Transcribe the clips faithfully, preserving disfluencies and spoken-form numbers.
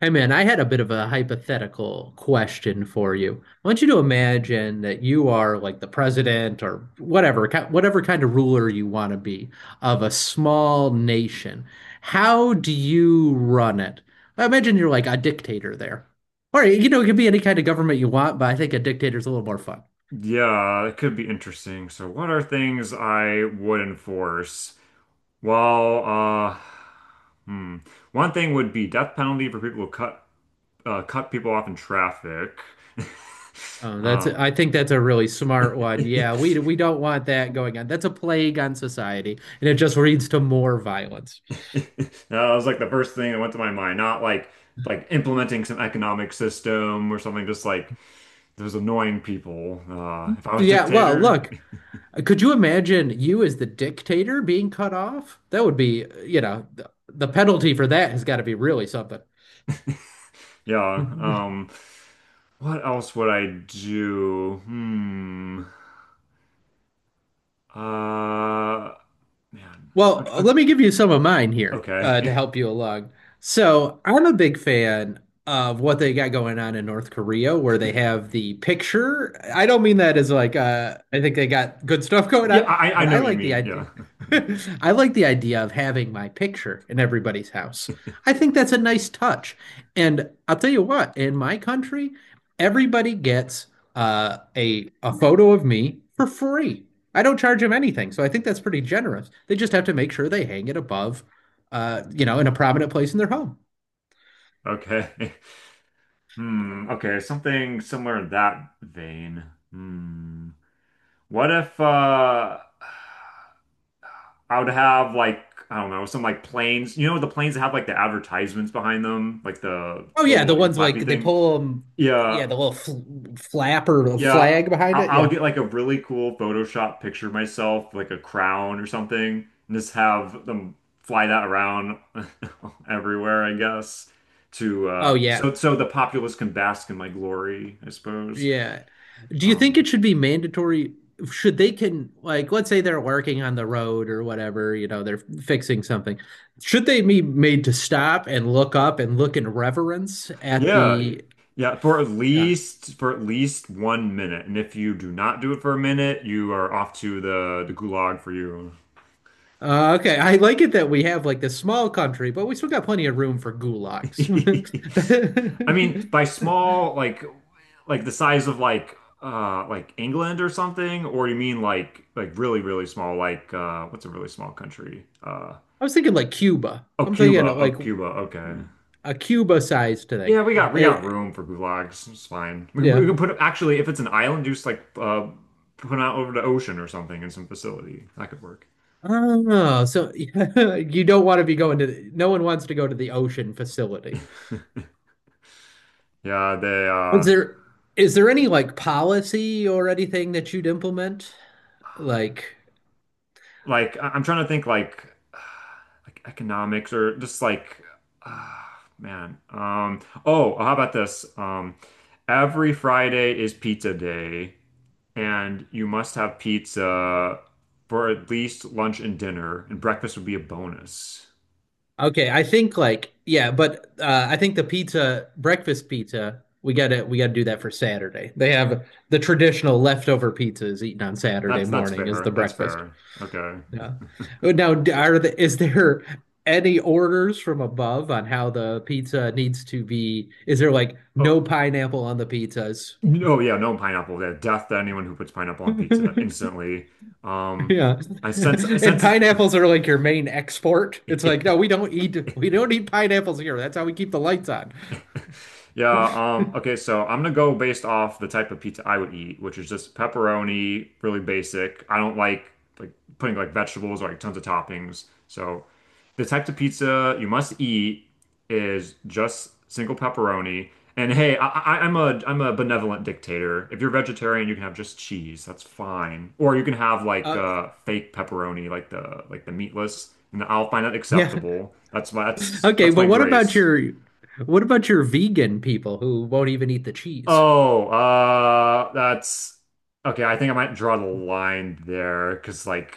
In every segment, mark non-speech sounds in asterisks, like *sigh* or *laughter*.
Hey man, I had a bit of a hypothetical question for you. I want you to imagine that you are like the president or whatever, ki- whatever kind of ruler you want to be of a small nation. How do you run it? I imagine you're like a dictator there. Or, you know, it could be any kind of government you want, but I think a dictator's a little more fun. Yeah, it could be interesting. So, what are things I would enforce? Well, uh, hmm. One thing would be death penalty for people who cut uh, cut people off in traffic. *laughs* Oh, that's Um, I think that's a really *laughs* smart one. Yeah, that we we don't want that going on. That's a plague on society, and it just leads to more violence. was like the first thing that went to my mind. Not like like implementing some economic system or something. Just like those annoying people. Uh, if I So, was yeah, well, dictator, look. Could you imagine you as the dictator being cut off? That would be, you know, the, the penalty for that has got to be really something. *laughs* yeah. *laughs* Um, what else would I do? Hmm. Uh, Man. I, Well, I, let me give you some of mine here uh, Okay. to *laughs* help you along. So, I'm a big fan of what they got going on in North Korea, where they have the picture. I don't mean that as like uh, I think they got good stuff *laughs* going Yeah, on, I, I but know I what you like the mean. Yeah. idea. *laughs* *laughs* I like the idea of having my picture in everybody's house. I think that's a nice touch. And I'll tell you what, in my country, everybody gets uh, a a photo of me for free. I don't charge them anything, so I think that's pretty generous. They just have to make sure they hang it above, uh, you know, in a prominent place in their home. Okay. *laughs* Hmm. Okay. Something somewhere in that vein. Hmm. What if uh I would have like I don't know some like planes. You know the planes that have like the advertisements behind them, like the, Oh the yeah, little the like the ones flappy like they thing. pull them, Yeah. yeah, the little fl flapper, the Yeah, flag behind I- it, I'll yeah. get like a really cool Photoshop picture of myself, like a crown or something, and just have them fly that around *laughs* everywhere, I guess. To Oh uh, yeah, so so the populace can bask in my glory, I suppose. yeah. Do you think Um, it should be mandatory? Should they can like Let's say they're working on the road or whatever, you know, they're fixing something. Should they be made to stop and look up and look in reverence at yeah, the yeah, for at uh, least for at least one minute, and if you do not do it for a minute, you are off to the the gulag for you. uh, okay, I like it that we have like this small country, but we still got plenty of room for *laughs* gulags. I mean, by *laughs* small, like like the size of like uh like England or something, or you mean like like really really small, like uh what's a really small country? Uh I was thinking like Cuba. oh I'm thinking Cuba, oh like Cuba, okay. a Cuba-sized thing. Yeah, we got we got It, room for gulags. It's fine. We, we yeah. can put it actually if it's an island, just like uh put it out over the ocean or something in some facility. That could work. Oh, so *laughs* you don't want to be going to the, no one wants to go to the ocean facility. Yeah, they Is uh there is there any like policy or anything that you'd implement? Like, like I- I'm trying to think like *sighs* like economics or just like *sighs* uh, man. Um oh, how about this? Um every Friday is pizza day and you must have pizza for at least lunch and dinner and breakfast would be a bonus. Okay, I think like yeah, but uh, I think the pizza, breakfast pizza, we gotta we gotta do that for Saturday. They have the traditional leftover pizzas eaten on Saturday That's that's morning is the fair. That's breakfast. fair. Okay. Yeah. Oh, Now, d- are the, is there any orders from above on how the pizza needs to be? Is there like Oh, no pineapple on the pizzas? oh yeah, no pineapple. Yeah, death to anyone who puts pineapple on pizza *laughs* instantly. Um Yeah. I *laughs* sense I And sense pineapples are like your main export. It's like, no, we *laughs* don't eat we don't eat pineapples here. That's how we keep the lights on. *laughs* Yeah, um, okay, so I'm gonna go based off the type of pizza I would eat, which is just pepperoni, really basic. I don't like like putting like vegetables or like tons of toppings. So the type of pizza you must eat is just single pepperoni. And hey, I, I, I'm a I'm a benevolent dictator. If you're vegetarian, you can have just cheese. That's fine. Or you can have like Uh, uh, fake pepperoni, like the like the meatless, and I'll find that yeah. acceptable. That's my that's Okay, that's my but what about grace. your what about your vegan people who won't even eat the cheese? Oh, uh, that's okay. I think I might draw the line there because, like,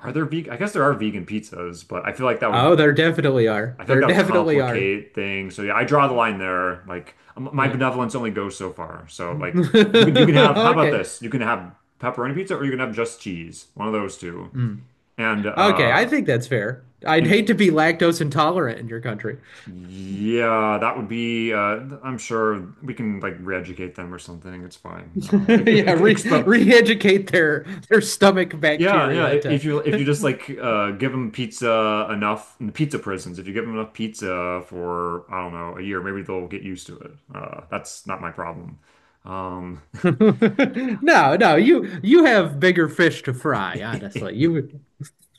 are there vegan? I guess there are vegan pizzas, but I feel like that would, Oh, there definitely are. I feel like There that would definitely are. complicate things. So yeah, I draw the line there. Like, m- my Yeah. benevolence only goes so far. So like, you can you can have. *laughs* How about Okay. this? You can have pepperoni pizza, or you can have just cheese. One of those two. Mm. And Okay, I uh, think that's fair. I'd and hate to be lactose intolerant in your country. *laughs* yeah, that would be. Uh, I'm sure we can like re-educate them or something. It's fine. Uh, e-, e-, e-, Yeah, re expo. re-educate their their stomach Yeah, yeah. bacteria i- to If you if you just like uh, give them pizza enough in the pizza prisons, if you give them enough pizza for I don't know a year, maybe they'll get used to it. Uh, that's not my problem. Um, *laughs* no, no, you you have bigger fish to fry, *laughs* honestly. You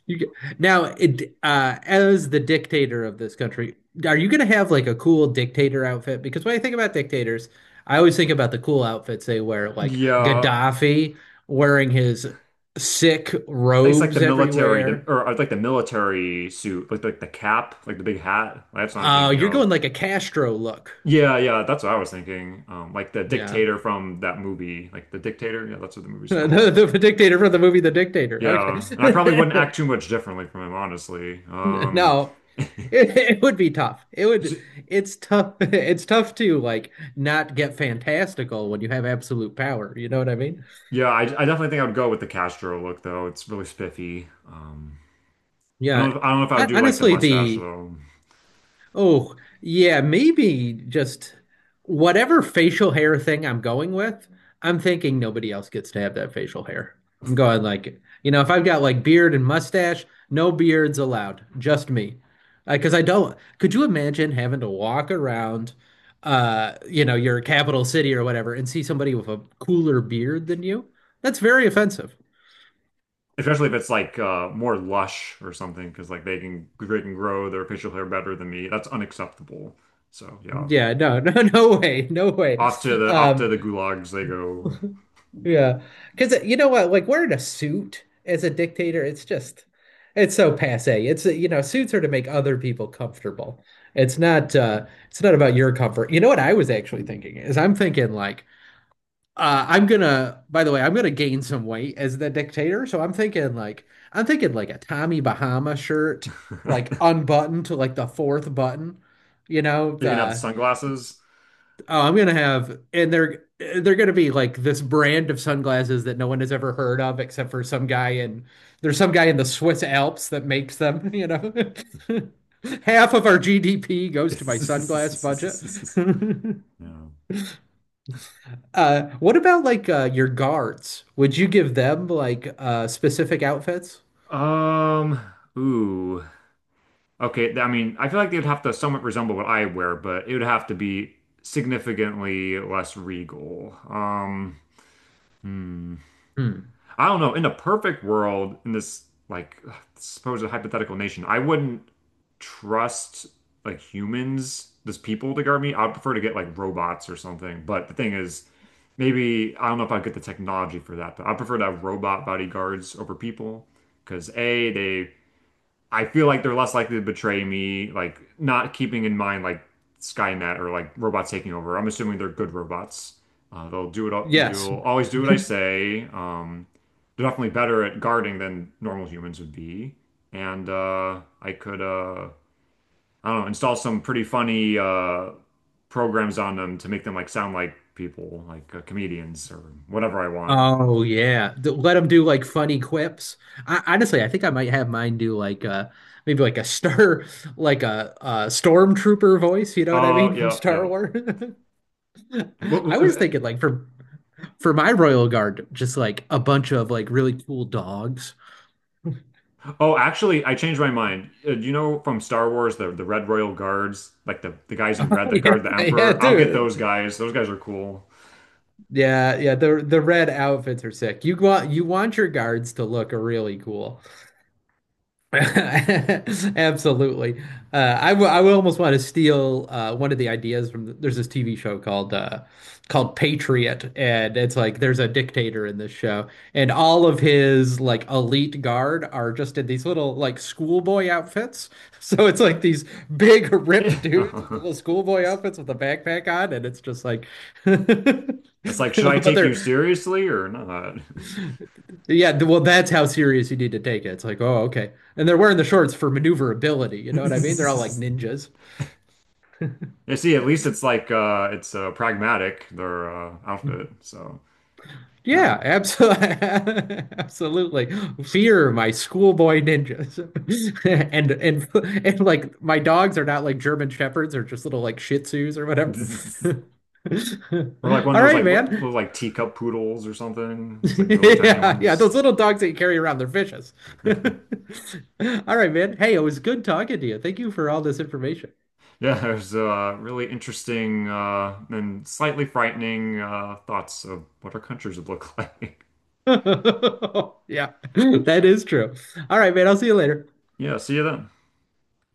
You get, now, it, uh, As the dictator of this country, are you going to have like a cool dictator outfit? Because when I think about dictators, I always think about the cool outfits they wear, like yeah, Gaddafi wearing his sick it's like the robes military, the, everywhere. or I'd like the military suit, like like the cap, like the big hat. That's what I'm Uh, thinking You're of. going like a Castro look. Yeah, yeah, that's what I was thinking. Um, like the Yeah. *laughs* dictator from that movie, like the dictator. Yeah, that's what the movie's called. The, the dictator from the movie The Dictator. Yeah, and I probably wouldn't Okay. act *laughs* too much differently from him, honestly. *laughs* Um, No, *laughs* it, it would be tough. It would, S- it's tough. *laughs* It's tough to like not get fantastical when you have absolute power. You know what I mean? Yeah, I, I definitely think I would go with the Castro look though. It's really spiffy. Um, I don't Yeah. I don't know if I would I, do like the honestly, mustache the though, Oh, yeah, maybe just whatever facial hair thing I'm going with, I'm thinking nobody else gets to have that facial hair. I'm going like, you know, if I've got like beard and mustache, no beards allowed, just me. Because I don't, could you imagine having to walk around, uh, you know, your capital city or whatever and see somebody with a cooler beard than you? That's very offensive. especially if it's like uh, more lush or something, because like they can they can grow their facial hair better than me. That's unacceptable. So yeah, Yeah, no, *laughs* no, no way, no way. off to the off to Um, the gulags they go. Yeah, because you know what? Like wearing a suit as a dictator, it's just, it's so passé. It's you know, suits are to make other people comfortable. It's not, uh, it's not about your comfort. You know what I was actually thinking is I'm thinking like, uh, I'm gonna. By the way, I'm gonna gain some weight as the dictator. So I'm thinking like, I'm thinking like a Tommy Bahama shirt, like *laughs* unbuttoned to like the fourth button. You know, You're gonna have the uh, sunglasses. Oh, I'm gonna have, and they're they're gonna be like this brand of sunglasses that no one has ever heard of except for some guy in there's some guy in the Swiss Alps that makes them, *laughs* you know. *laughs* Half of our G D P goes to my sunglass budget. *laughs* *laughs* Yeah. Uh, what about like uh, your guards? Would you give them like uh, specific outfits? Um. Ooh. Okay, th- I mean, I feel like they'd have to somewhat resemble what I wear, but it would have to be significantly less regal. Um, hmm. Hmm. I don't know. In a perfect world, in this like supposed hypothetical nation, I wouldn't trust like humans, just people to guard me. I'd prefer to get like robots or something. But the thing is, maybe I don't know if I'd get the technology for that, but I prefer to have robot bodyguards over people because A, they I feel like they're less likely to betray me, like not keeping in mind like Skynet or like robots taking over. I'm assuming they're good robots. Uh, they'll do it. Yes, They'll always do what I say. Um, they're definitely better at guarding than normal humans would be. And uh, I could, uh, I don't know, install some pretty funny uh, programs on them to make them like sound like people, like uh, comedians or whatever I want. oh yeah, D- let them do like funny quips. I, honestly, I think I might have mine do like uh maybe like a star *laughs* like a, a stormtrooper voice. You know what I Oh mean from yeah, Star yeah. Wars. *laughs* What, I was what, thinking like for for my Royal Guard, just like a bunch of like really cool dogs. Oh, actually, I changed my mind. Uh, you know from Star Wars, the the Red Royal Guards, like the the guys in red *laughs* that Yeah, guard the yeah, Emperor. I'll get those dude. guys. Those guys are cool. Yeah, yeah. The the red outfits are sick. You want you want your guards to look really cool. *laughs* Absolutely. Uh, I, w I will almost want to steal uh, one of the ideas from the, there's this T V show called uh, called Patriot, and it's like there's a dictator in this show, and all of his like elite guard are just in these little like schoolboy outfits. *laughs* So it's like these big ripped dudes with *laughs* little schoolboy It's outfits with a backpack on, and it's just like, like, *laughs* should I but take you they're seriously or not? yeah, th- well, that's how serious you need to take it. It's like, oh, okay. And they're wearing the shorts for maneuverability. You know what I mean? They're all like *laughs* ninjas. You see, at least it's like uh it's uh pragmatic their uh outfit. So, yeah. Yeah, absolutely. *laughs* Absolutely. Fear my schoolboy ninjas. *laughs* And and and like my dogs are not like German shepherds or just little like Shih Tzus or whatever. *laughs* Or like one *laughs* of All those right, like man. little *laughs* like teacup poodles or something. Those like really tiny Yeah, yeah, ones. those little dogs that you carry around, they're vicious. *laughs* All right, man. Hey, it was good talking to you. Thank you for all this information. Yeah, *laughs* there's uh, really interesting uh, and slightly frightening uh, thoughts of what our countries would look *laughs* like. *laughs* Yeah, *laughs* that is true. All right, man. I'll see you later. Yeah, see you then.